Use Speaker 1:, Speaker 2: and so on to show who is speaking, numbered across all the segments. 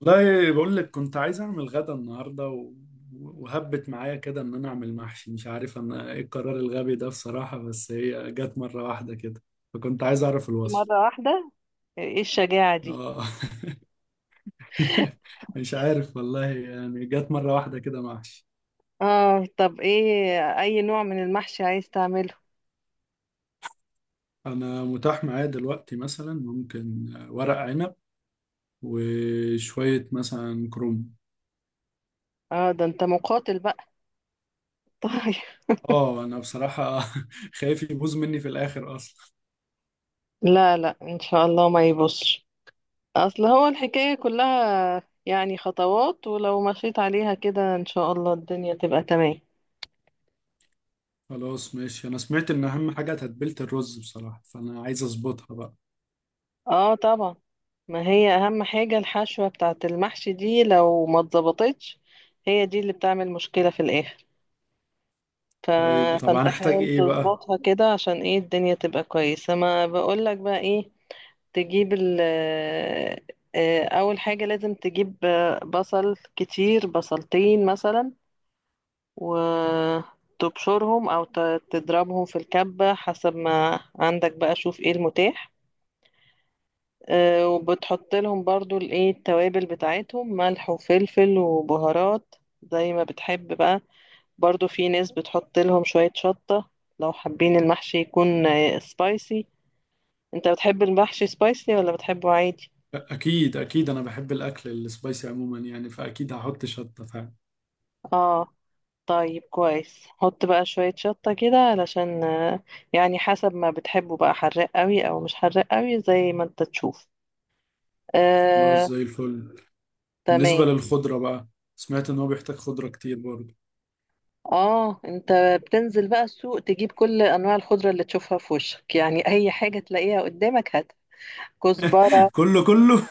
Speaker 1: والله بقول لك كنت عايز اعمل غدا النهارده وهبت معايا كده ان انا اعمل محشي. مش عارف انا ايه القرار الغبي ده بصراحه، بس هي جت مره واحده كده. فكنت عايز اعرف الوصف.
Speaker 2: مرة واحدة، ايه الشجاعة دي؟
Speaker 1: اه. مش عارف والله، يعني جت مره واحده كده محشي.
Speaker 2: اه، طب ايه اي نوع من المحشي عايز تعمله؟
Speaker 1: انا متاح معايا دلوقتي مثلا ممكن ورق عنب، وشويه مثلا كروم.
Speaker 2: اه، ده انت مقاتل بقى. طيب.
Speaker 1: اه انا بصراحه خايف يبوظ مني في الاخر اصلا.
Speaker 2: لا لا، ان شاء الله ما يبصش. اصل هو الحكاية كلها يعني خطوات، ولو مشيت عليها كده ان شاء الله الدنيا تبقى تمام.
Speaker 1: خلاص ماشي، انا سمعت ان اهم حاجه تتبيله الرز بصراحه، فانا عايز اظبطها بقى.
Speaker 2: اه، طبعا. ما هي اهم حاجة الحشوة بتاعت المحشي دي، لو ما اتظبطتش هي دي اللي بتعمل مشكلة في الاخر. ف...
Speaker 1: طيب طب
Speaker 2: فانت
Speaker 1: هنحتاج
Speaker 2: حاول
Speaker 1: ايه بقى؟
Speaker 2: تظبطها كده عشان ايه الدنيا تبقى كويسة. ما بقولك بقى ايه. تجيب ال آه، اول حاجة لازم تجيب بصل كتير، بصلتين مثلا. وتبشرهم او تضربهم في الكبة حسب ما عندك بقى، شوف ايه المتاح. وبتحط لهم برضو الايه التوابل بتاعتهم، ملح وفلفل وبهارات زي ما بتحب بقى. برضو في ناس بتحط لهم شوية شطة لو حابين المحشي يكون سبايسي. انت بتحب المحشي سبايسي ولا بتحبه عادي؟
Speaker 1: اكيد اكيد انا بحب الاكل السبايسي عموما، يعني فاكيد هحط شطه فعلا.
Speaker 2: اه، طيب كويس. حط بقى شوية شطة كده علشان يعني حسب ما بتحبه بقى، حراق قوي او مش حراق قوي زي ما انت تشوف.
Speaker 1: خلاص
Speaker 2: آه
Speaker 1: زي الفل.
Speaker 2: تمام.
Speaker 1: بالنسبه للخضره بقى، سمعت ان هو بيحتاج خضره كتير برضه.
Speaker 2: اه، انت بتنزل بقى السوق تجيب كل انواع الخضرة اللي تشوفها في وشك، يعني اي حاجة تلاقيها قدامك هات. كزبرة،
Speaker 1: كله كله.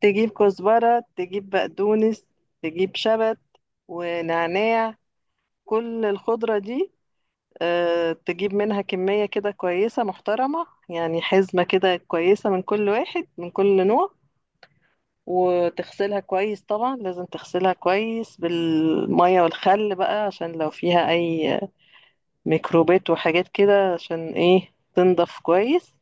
Speaker 2: تجيب كزبرة، تجيب بقدونس، تجيب شبت ونعناع، كل الخضرة دي. تجيب منها كمية كده كويسة محترمة، يعني حزمة كده كويسة من كل واحد من كل نوع. وتغسلها كويس، طبعا لازم تغسلها كويس بالمية والخل بقى عشان لو فيها أي ميكروبات وحاجات كده، عشان ايه تنضف كويس.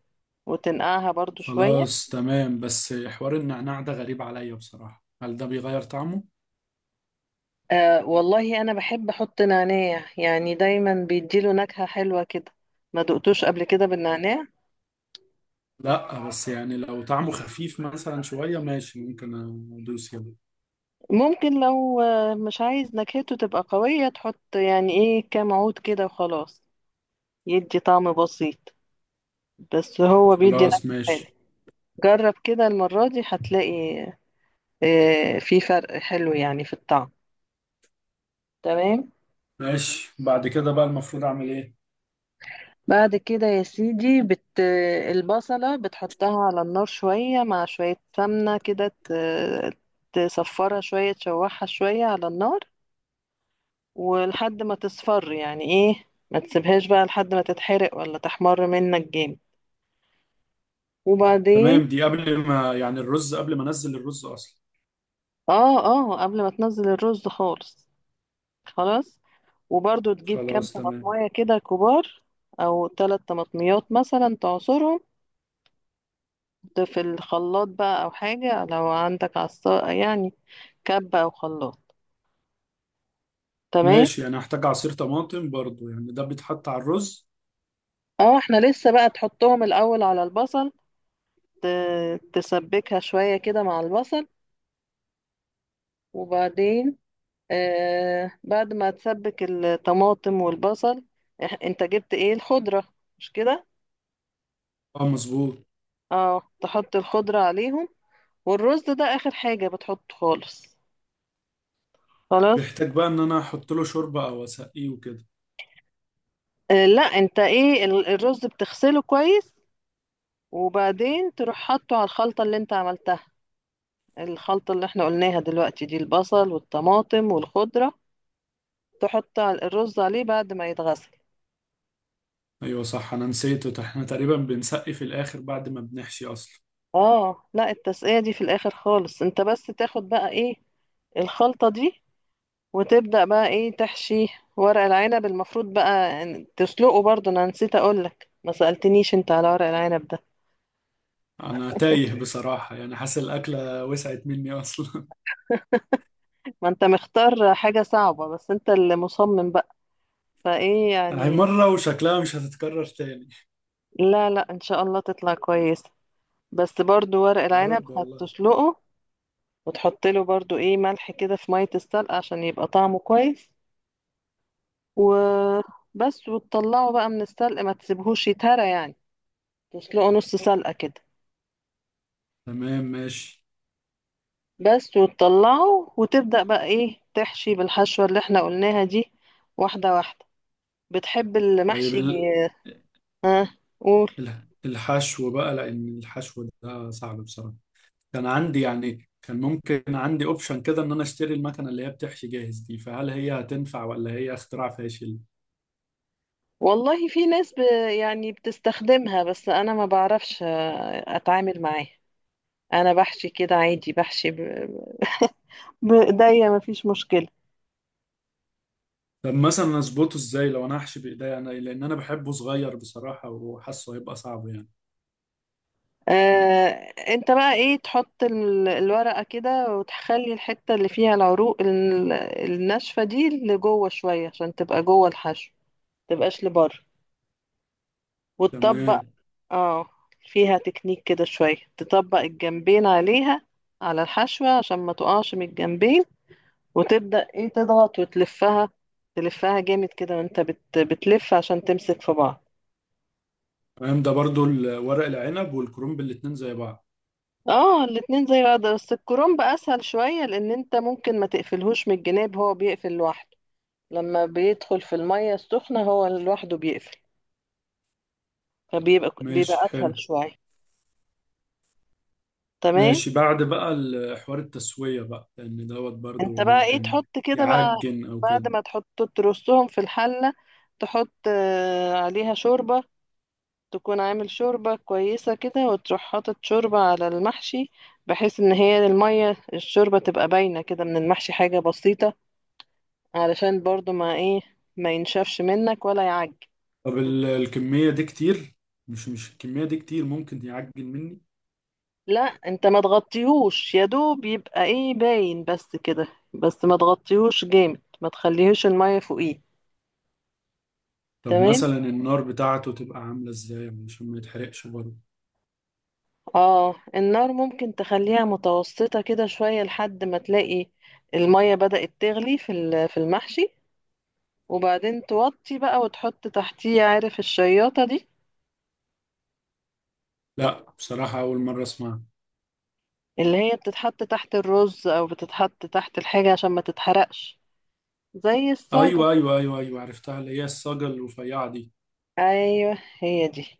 Speaker 2: وتنقعها برضو شوية.
Speaker 1: خلاص تمام، بس حوار النعناع ده غريب عليا بصراحه، هل ده بيغير طعمه؟
Speaker 2: أه والله، أنا بحب أحط نعناع، يعني دايما بيديله نكهة حلوة كده. ما دقتوش قبل كده بالنعناع؟
Speaker 1: لا بس يعني لو طعمه خفيف مثلا شويه ماشي، ممكن ادوس يعني.
Speaker 2: ممكن لو مش عايز نكهته تبقى قوية، تحط يعني إيه كام عود كده وخلاص، يدي طعم بسيط، بس هو بيدي نكهة
Speaker 1: خلاص
Speaker 2: حلوة.
Speaker 1: ماشي.
Speaker 2: جرب كده المرة دي هتلاقي في فرق حلو يعني في الطعم. تمام.
Speaker 1: ماشي بعد كده بقى المفروض اعمل ايه؟
Speaker 2: بعد كده يا سيدي، البصلة بتحطها على النار شوية مع شوية سمنة كده، تصفرها شوية، تشوحها شوية على النار ولحد ما تصفر، يعني ايه ما تسيبهاش بقى لحد ما تتحرق ولا تحمر منك جامد. وبعدين
Speaker 1: تمام، دي قبل ما، يعني الرز، قبل ما انزل الرز اصلا.
Speaker 2: اه، اه، قبل ما تنزل الرز خالص. خلاص. وبرضو تجيب كام
Speaker 1: خلاص تمام.
Speaker 2: طماطماية كده كبار، او 3 طماطميات مثلا، تعصرهم ده في الخلاط بقى او حاجة، لو عندك عصا يعني كب او خلاط. تمام.
Speaker 1: ماشي، يعني هحتاج عصير طماطم برضو، يعني ده بيتحط على الرز.
Speaker 2: اه، احنا لسه بقى تحطهم الاول على البصل، تسبكها شوية كده مع البصل وبعدين آه، بعد ما تسبك الطماطم والبصل انت جبت ايه الخضرة، مش كده؟
Speaker 1: اه مظبوط.
Speaker 2: اه، تحط الخضرة عليهم، والرز ده اخر حاجة بتحطه خالص. خلاص.
Speaker 1: بيحتاج بقى ان انا احط له شوربة او اسقيه وكده؟
Speaker 2: لا، انت ايه الرز بتغسله كويس، وبعدين تروح حاطه على الخلطة اللي انت عملتها، الخلطة اللي احنا قلناها دلوقتي دي، البصل والطماطم والخضرة. تحط الرز عليه بعد ما يتغسل.
Speaker 1: ايوه صح، انا نسيته، احنا تقريبا بنسقي في الاخر بعد ما بنحشي اصلا.
Speaker 2: اه لا، التسقية دي في الاخر خالص. انت بس تاخد بقى ايه الخلطة دي وتبدأ بقى ايه تحشي. ورق العنب المفروض بقى تسلقه برضه، انا نسيت اقولك، ما سألتنيش انت على ورق العنب ده.
Speaker 1: انا تايه بصراحة، يعني حاسس الاكلة وسعت مني اصلا.
Speaker 2: ما انت مختار حاجة صعبة، بس انت اللي مصمم بقى، فايه
Speaker 1: هي
Speaker 2: يعني.
Speaker 1: مرة وشكلها مش هتتكرر تاني.
Speaker 2: لا لا، ان شاء الله تطلع كويس. بس برضو ورق
Speaker 1: يا
Speaker 2: العنب
Speaker 1: رب والله.
Speaker 2: هتسلقه، وتحط له برضو ايه ملح كده في مية السلق عشان يبقى طعمه كويس، وبس. وتطلعه بقى من السلق، ما تسيبهوش يتهرى يعني، تسلقه نص سلقة كده
Speaker 1: تمام ماشي.
Speaker 2: بس. وتطلعه وتبدأ بقى ايه تحشي بالحشوة اللي احنا قلناها دي، واحدة واحدة. بتحب
Speaker 1: طيب
Speaker 2: المحشي،
Speaker 1: ال...
Speaker 2: قول.
Speaker 1: الحشو بقى، لان الحشو ده صعب بصراحه. كان عندي يعني، كان ممكن عندي اوبشن كده ان انا اشتري المكنه اللي هي بتحشي جاهز دي، فهل هي هتنفع ولا هي اختراع فاشل؟
Speaker 2: والله في ناس يعني بتستخدمها، بس انا ما بعرفش اتعامل معاها. انا بحشي كده عادي، بحشي بايديا، مفيش مشكلة.
Speaker 1: طب مثلا اظبطه ازاي لو انا هحشي بايديا انا، لان انا بحبه صغير بصراحه وحاسه هيبقى صعب يعني.
Speaker 2: آه، انت بقى ايه تحط الورقة كده، وتخلي الحتة اللي فيها العروق الناشفة دي لجوه شوية عشان تبقى جوه الحشو، متبقاش لبره. وتطبق.
Speaker 1: تمام.
Speaker 2: اه، فيها تكنيك كده شوية، تطبق الجنبين عليها على الحشوة عشان ما تقعش من الجنبين. وتبدأ ايه تضغط وتلفها، تلفها جامد كده وانت بتلف عشان تمسك في بعض.
Speaker 1: تمام، ده برضو ورق العنب والكرنب الاتنين زي بعض.
Speaker 2: اه، الاتنين زي بعض، بس الكرنب اسهل شوية لان انت ممكن ما تقفلهوش من الجناب، هو بيقفل لوحده لما بيدخل في المية السخنة، هو لوحده بيقفل، فبيبقى
Speaker 1: ماشي
Speaker 2: اسهل
Speaker 1: حلو.
Speaker 2: شوية. تمام.
Speaker 1: ماشي، بعد بقى حوار التسويه بقى، لان دوت
Speaker 2: انت
Speaker 1: برضو
Speaker 2: بقى ايه
Speaker 1: ممكن
Speaker 2: تحط كده بقى،
Speaker 1: يعجن او كده.
Speaker 2: بعد ما تحط ترصهم في الحلة، تحط عليها شوربة. تكون عامل شوربة كويسة كده، وتروح حاطط شوربة على المحشي بحيث ان هي المية الشوربة تبقى باينة كده من المحشي حاجة بسيطة، علشان برضو ما ايه، ما ينشفش منك ولا يعج.
Speaker 1: طب الكمية دي كتير، مش الكمية دي كتير ممكن يعجن مني؟
Speaker 2: لا، انت ما تغطيهوش، يا دوب يبقى ايه باين بس كده، بس ما تغطيهوش جامد، ما تخليهوش المية فوقيه.
Speaker 1: طب
Speaker 2: تمام.
Speaker 1: مثلا النار بتاعته تبقى عاملة ازاي عشان ما يتحرقش برضه؟
Speaker 2: اه، النار ممكن تخليها متوسطة كده شوية لحد ما تلاقي المية بدأت تغلي في في المحشي، وبعدين توطي بقى وتحط تحتيه. عارف الشياطة دي
Speaker 1: لا بصراحة أول مرة أسمعها.
Speaker 2: اللي هي بتتحط تحت الرز او بتتحط تحت الحاجة عشان ما تتحرقش، زي الصاج.
Speaker 1: أيوة، أيوة، أيوة، أيوة، عرفتها، اللي هي الصاجة الرفيعة دي.
Speaker 2: ايوه، هي دي.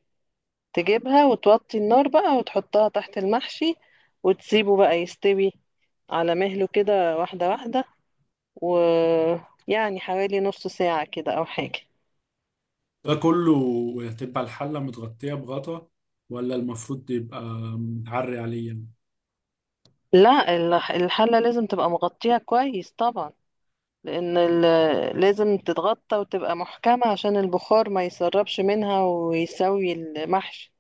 Speaker 2: تجيبها وتوطي النار بقى وتحطها تحت المحشي، وتسيبه بقى يستوي على مهله كده، واحدة واحدة. ويعني حوالي نص ساعة كده أو حاجة.
Speaker 1: ده كله هتبقى الحلة متغطية بغطا، ولا المفروض يبقى متعري عليه يعني؟
Speaker 2: لا، الحلة لازم تبقى مغطيها كويس طبعا، لأن لازم تتغطى وتبقى محكمة عشان البخار ما يسربش منها ويسوي المحشي.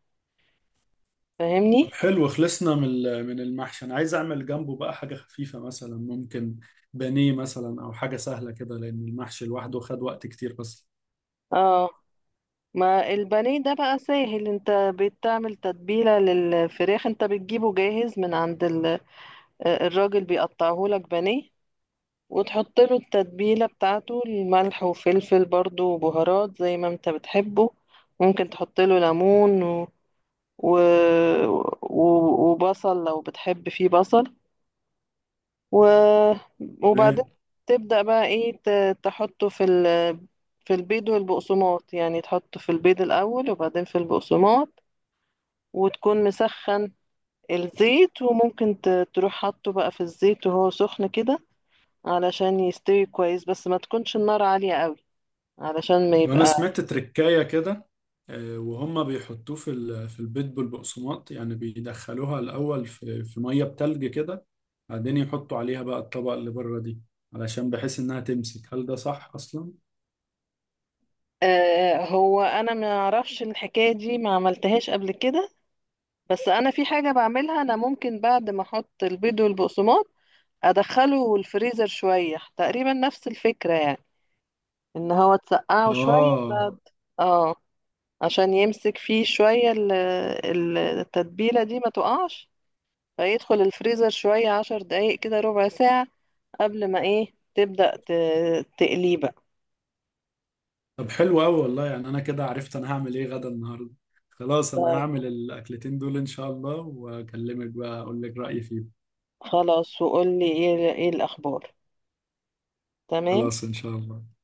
Speaker 1: طب
Speaker 2: فاهمني؟
Speaker 1: حلو، خلصنا من من المحشي. أنا عايز أعمل جنبه بقى حاجة خفيفة، مثلا ممكن بانيه مثلا أو حاجة سهلة كده، لأن المحشي لوحده خد وقت كتير أصلا.
Speaker 2: اه، ما البانيه ده بقى سهل، انت بتعمل تتبيلة للفراخ، انت بتجيبه جاهز من عند الراجل بيقطعه لك بانيه، وتحط له التتبيلة بتاعته، الملح وفلفل برضو وبهارات زي ما انت بتحبه. ممكن تحط له ليمون و... و... وبصل لو بتحب فيه بصل، و... وبعدين
Speaker 1: إيه؟
Speaker 2: تبدأ بقى ايه تحطه في في البيض والبقسماط. يعني تحطه في البيض الأول وبعدين في البقسماط، وتكون مسخن الزيت، وممكن تروح حاطه بقى في الزيت وهو سخن كده علشان يستوي كويس، بس ما تكونش النار عالية قوي علشان ما
Speaker 1: وانا
Speaker 2: يبقى.
Speaker 1: سمعت تركاية كده، وهم بيحطوه في في البيت بالبقسماط، يعني بيدخلوها الاول في ميه بتلج كده. بعدين يحطوا عليها بقى الطبقه اللي بره دي، علشان بحيث انها تمسك. هل ده صح اصلا؟
Speaker 2: آه، هو انا ما اعرفش الحكاية دي، ما عملتهاش قبل كده. بس انا في حاجة بعملها انا، ممكن بعد ما احط البيض والبقسماط ادخله الفريزر شوية، تقريبا نفس الفكرة يعني، ان هو تسقعه شوية
Speaker 1: اه.
Speaker 2: بعد. اه، عشان يمسك فيه شوية التتبيلة دي، ما تقعش. فيدخل الفريزر شوية، 10 دقايق كده، ربع ساعة قبل ما ايه تبدأ تقليه بقى.
Speaker 1: طب حلو قوي والله، يعني انا كده عرفت انا هعمل ايه غدا النهارده. خلاص انا
Speaker 2: طيب،
Speaker 1: هعمل الاكلتين دول ان شاء الله، واكلمك بقى اقول لك رايي فيهم.
Speaker 2: خلاص، وقول لي ايه الأخبار. تمام.
Speaker 1: خلاص ان شاء الله.